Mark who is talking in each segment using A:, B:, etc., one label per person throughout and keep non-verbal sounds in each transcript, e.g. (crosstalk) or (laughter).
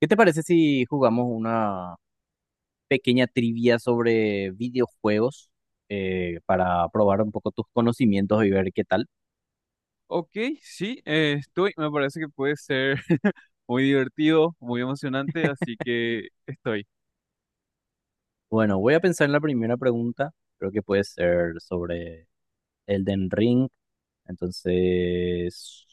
A: ¿Qué te parece si jugamos una pequeña trivia sobre videojuegos para probar un poco tus conocimientos y ver qué tal?
B: Ok, sí, estoy. Me parece que puede ser (laughs) muy divertido, muy emocionante, así que estoy.
A: Bueno, voy a pensar en la primera pregunta. Creo que puede ser sobre Elden Ring. Entonces,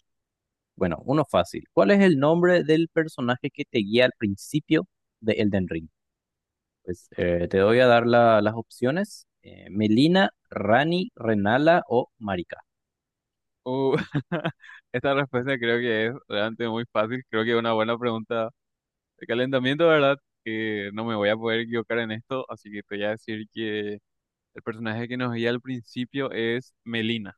A: bueno, uno fácil. ¿Cuál es el nombre del personaje que te guía al principio de Elden Ring? Pues te voy a dar las opciones. Melina, Rani, Renala o Marika.
B: Uh, (laughs) esta respuesta creo que es realmente muy fácil. Creo que es una buena pregunta de calentamiento, ¿verdad? Que no me voy a poder equivocar en esto, así que te voy a decir que el personaje que nos guía al principio es Melina.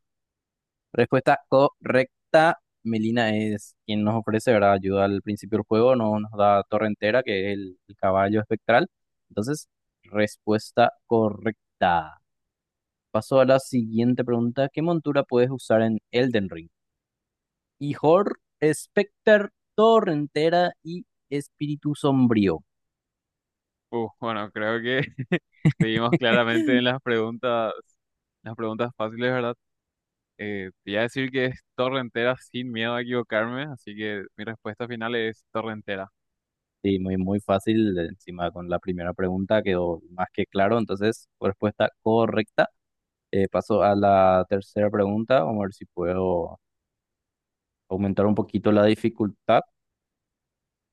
A: Respuesta correcta. Melina es quien nos ofrece, ¿verdad? Ayuda al principio del juego, no nos da torre entera, que es el caballo espectral. Entonces, respuesta correcta. Paso a la siguiente pregunta. ¿Qué montura puedes usar en Elden Ring? Ihor, Specter, Torrentera y Espíritu Sombrío.
B: Bueno, creo que (laughs) seguimos claramente en
A: (laughs)
B: las preguntas fáciles, ¿verdad? Te iba a decir que es torre entera sin miedo a equivocarme, así que mi respuesta final es torre entera.
A: Sí, muy, muy fácil. Encima con la primera pregunta quedó más que claro. Entonces, respuesta correcta. Paso a la tercera pregunta, vamos a ver si puedo aumentar un poquito la dificultad.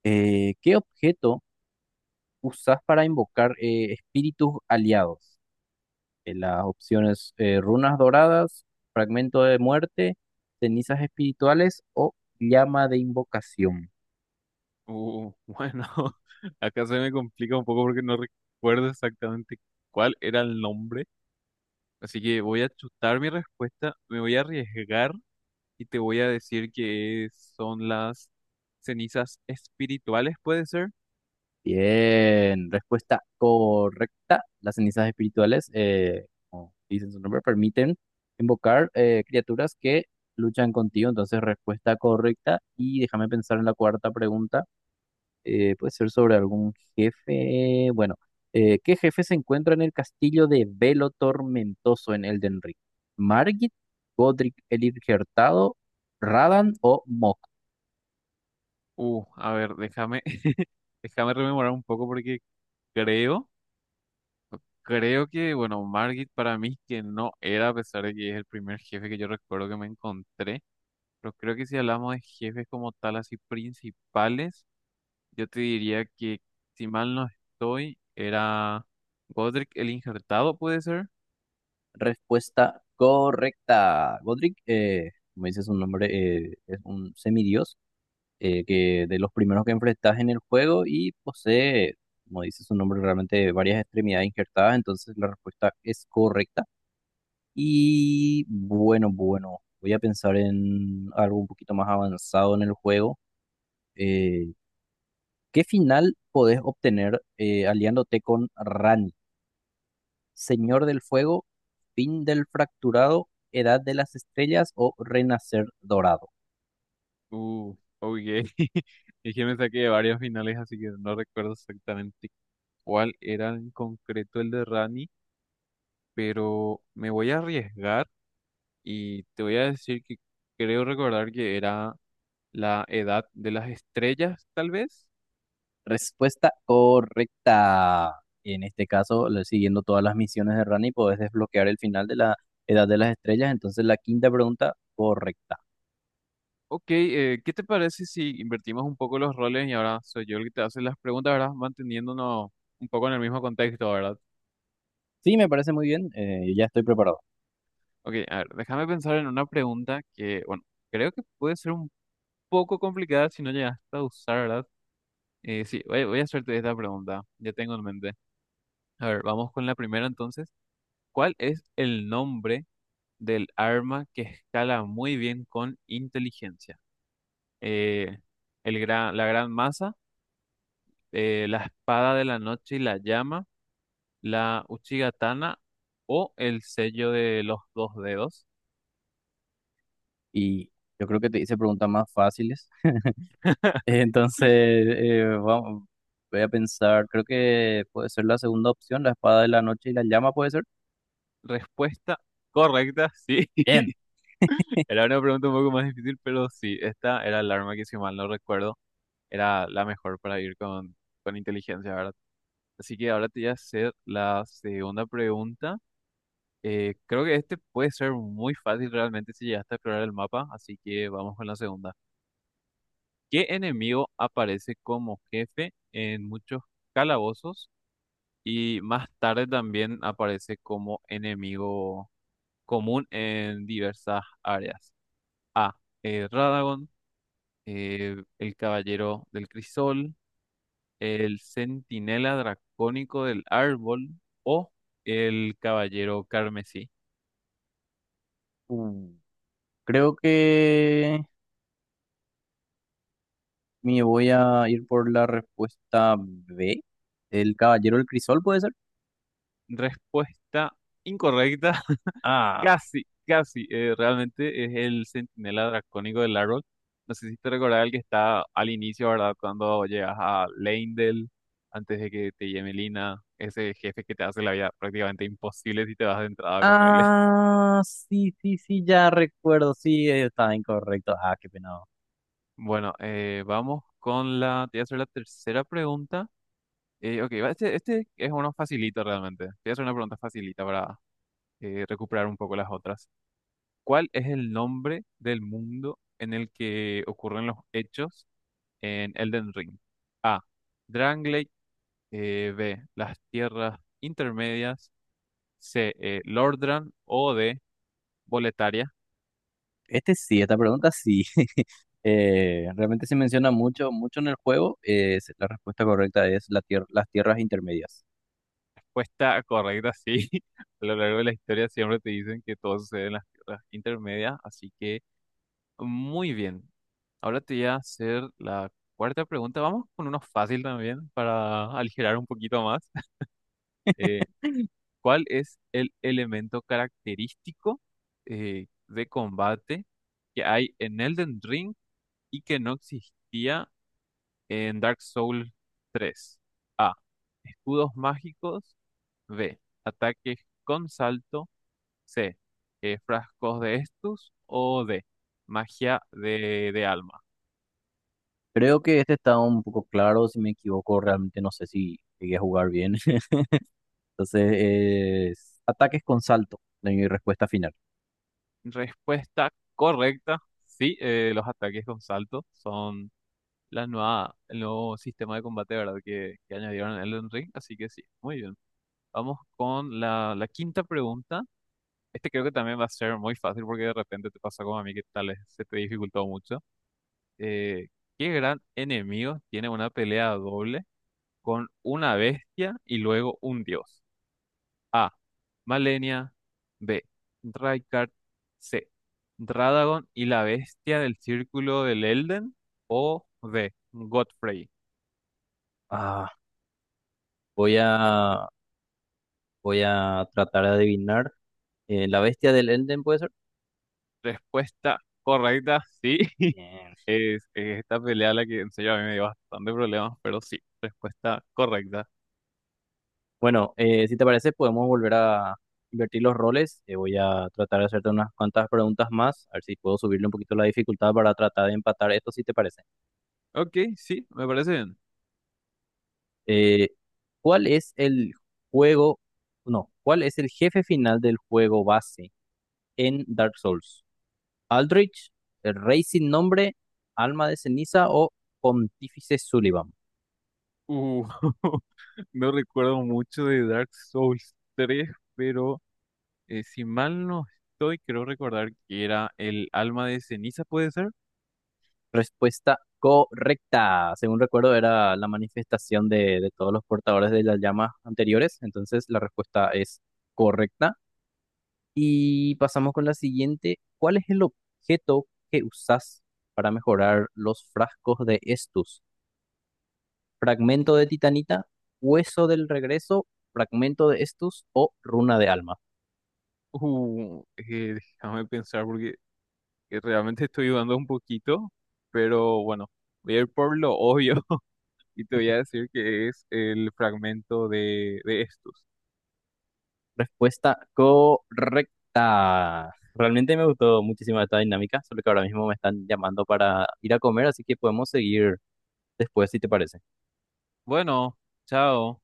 A: ¿Qué objeto usas para invocar espíritus aliados? Las opciones runas doradas, fragmento de muerte, cenizas espirituales o llama de invocación.
B: Bueno, (laughs) acá se me complica un poco porque no recuerdo exactamente cuál era el nombre, así que voy a chutar mi respuesta, me voy a arriesgar y te voy a decir que son las cenizas espirituales, ¿puede ser?
A: Bien, respuesta correcta. Las cenizas espirituales, como dicen su nombre, permiten invocar criaturas que luchan contigo. Entonces, respuesta correcta. Y déjame pensar en la cuarta pregunta. Puede ser sobre algún jefe. Bueno, ¿qué jefe se encuentra en el castillo de Velo Tormentoso en Elden Ring? ¿Margit, Godric el Irgertado, Radan o Mok?
B: A ver, déjame, (laughs) déjame rememorar un poco porque creo. Creo que, bueno, Margit para mí que no era, a pesar de que es el primer jefe que yo recuerdo que me encontré, pero creo que si hablamos de jefes como tal, así principales, yo te diría que, si mal no estoy, era Godric el Injertado, ¿puede ser?
A: Respuesta correcta. Godric, como dices un nombre, es un semidios que de los primeros que enfrentas en el juego y posee, como dice su nombre, realmente varias extremidades injertadas. Entonces la respuesta es correcta. Y bueno, voy a pensar en algo un poquito más avanzado en el juego. Eh, ¿Qué final podés obtener aliándote con Randy? Señor del Fuego, Fin del Fracturado, Edad de las Estrellas o Renacer Dorado.
B: Uh, ok. (laughs) Es que me saqué de varios finales, así que no recuerdo exactamente cuál era en concreto el de Rani, pero me voy a arriesgar y te voy a decir que creo recordar que era la edad de las estrellas, tal vez.
A: Respuesta correcta. En este caso, siguiendo todas las misiones de Rani, podés desbloquear el final de la Edad de las Estrellas. Entonces, la quinta pregunta correcta.
B: Ok, ¿qué te parece si invertimos un poco los roles y ahora soy yo el que te hace las preguntas, ¿verdad? Manteniéndonos un poco en el mismo contexto, ¿verdad?
A: Sí, me parece muy bien. Eh, ya estoy preparado.
B: Ok, a ver, déjame pensar en una pregunta que, bueno, creo que puede ser un poco complicada si no llegaste a usar, ¿verdad? Sí, voy a hacerte esta pregunta, ya tengo en mente. A ver, vamos con la primera entonces. ¿Cuál es el nombre del arma que escala muy bien con inteligencia? Eh, la gran masa, la espada de la noche y la llama, la Uchigatana o el sello de los dos dedos.
A: Y yo creo que te hice preguntas más fáciles. (laughs) Entonces, vamos, voy a pensar. Creo que puede ser la segunda opción, la espada de la noche y la llama, puede ser.
B: Respuesta correcta, sí. (laughs) Era una pregunta un poco más difícil, pero sí, esta era el arma que si mal no recuerdo era la mejor para ir con inteligencia, ¿verdad? Así que ahora te voy a hacer la segunda pregunta. Creo que este puede ser muy fácil realmente si llegaste a explorar el mapa, así que vamos con la segunda. ¿Qué enemigo aparece como jefe en muchos calabozos y más tarde también aparece como enemigo común en diversas áreas? A. Radagon. El Caballero del Crisol. El Centinela Dracónico del Árbol. O el Caballero Carmesí.
A: Bien. Creo que me voy a ir por la respuesta B. El Caballero del Crisol, ¿puede ser?
B: Respuesta incorrecta.
A: Ah.
B: Casi, casi. Realmente es el centinela dracónico del árbol. No sé si te recordás el que está al inicio, ¿verdad? Cuando llegas a Leyndell, antes de que te lleve Lina, ese jefe que te hace la vida prácticamente imposible si te vas de entrada con él. (laughs)
A: Ah, sí, sí, sí, ya recuerdo. Sí, está incorrecto. Ah, qué penado.
B: Bueno, vamos con la. Te voy a hacer la tercera pregunta. Ok, va, este es uno facilito realmente. Te voy a hacer una pregunta facilita para recuperar un poco las otras. ¿Cuál es el nombre del mundo en el que ocurren los hechos en Elden Ring? A. Drangley. B. Las tierras intermedias. C. Lordran. O D. Boletaria. (laughs)
A: Este sí, esta pregunta sí. (laughs) Realmente se menciona mucho, mucho en el juego. La respuesta correcta es las tierras intermedias.
B: Respuesta correcta, sí. (laughs) A lo largo de la historia siempre te dicen que todo sucede en las tierras intermedias. Así que muy bien. Ahora te voy a hacer la cuarta pregunta. Vamos con uno fácil también para aligerar un poquito más. (laughs) Eh, ¿cuál es el elemento característico de combate que hay en Elden Ring y que no existía en Dark Souls tres? A. Escudos mágicos. B. Ataques con salto. C. Frascos de estus. O D. Magia de alma.
A: Creo que este está un poco claro. Si me equivoco, realmente no sé si llegué a jugar bien. (laughs) Entonces, es ataques con salto, de mi respuesta final.
B: Respuesta correcta. Sí, los ataques con salto son el nuevo sistema de combate, ¿verdad? Que añadieron en Elden Ring. Así que sí, muy bien. Vamos con la quinta pregunta. Este creo que también va a ser muy fácil porque de repente te pasa como a mí que tal vez se te dificultó mucho. Eh, ¿Qué gran enemigo tiene una pelea doble con una bestia y luego un dios? A. Malenia. B. Raikard. C. Dradagon y la bestia del círculo del Elden. O D. Godfrey.
A: Ah, voy a, voy a tratar de adivinar. ¿La bestia del Elden puede ser?
B: Respuesta correcta, sí. (laughs)
A: Bien.
B: Es esta pelea la que en serio a mí me dio bastante problemas, pero sí, respuesta correcta.
A: Bueno, si te parece, podemos volver a invertir los roles. Voy a tratar de hacerte unas cuantas preguntas más, a ver si puedo subirle un poquito la dificultad para tratar de empatar esto, si te parece.
B: Ok, sí, me parece bien.
A: Eh, ¿Cuál es el juego, no, cuál es el jefe final del juego base en Dark Souls? ¿Aldrich, el Rey sin nombre, Alma de ceniza o Pontífice Sullivan?
B: Uh, (laughs) no recuerdo mucho de Dark Souls tres, pero si mal no estoy, creo recordar que era el alma de ceniza, ¿puede ser?
A: Respuesta correcta. Según recuerdo, era la manifestación de todos los portadores de las llamas anteriores. Entonces, la respuesta es correcta. Y pasamos con la siguiente. ¿Cuál es el objeto que usas para mejorar los frascos de Estus? ¿Fragmento de titanita? ¿Hueso del regreso? ¿Fragmento de Estus o runa de alma?
B: Déjame pensar porque realmente estoy dudando un poquito, pero bueno, voy a ir por lo obvio y te voy a decir que es el fragmento de estos.
A: Respuesta correcta. Realmente me gustó muchísimo esta dinámica, solo que ahora mismo me están llamando para ir a comer, así que podemos seguir después si te parece.
B: Bueno, chao.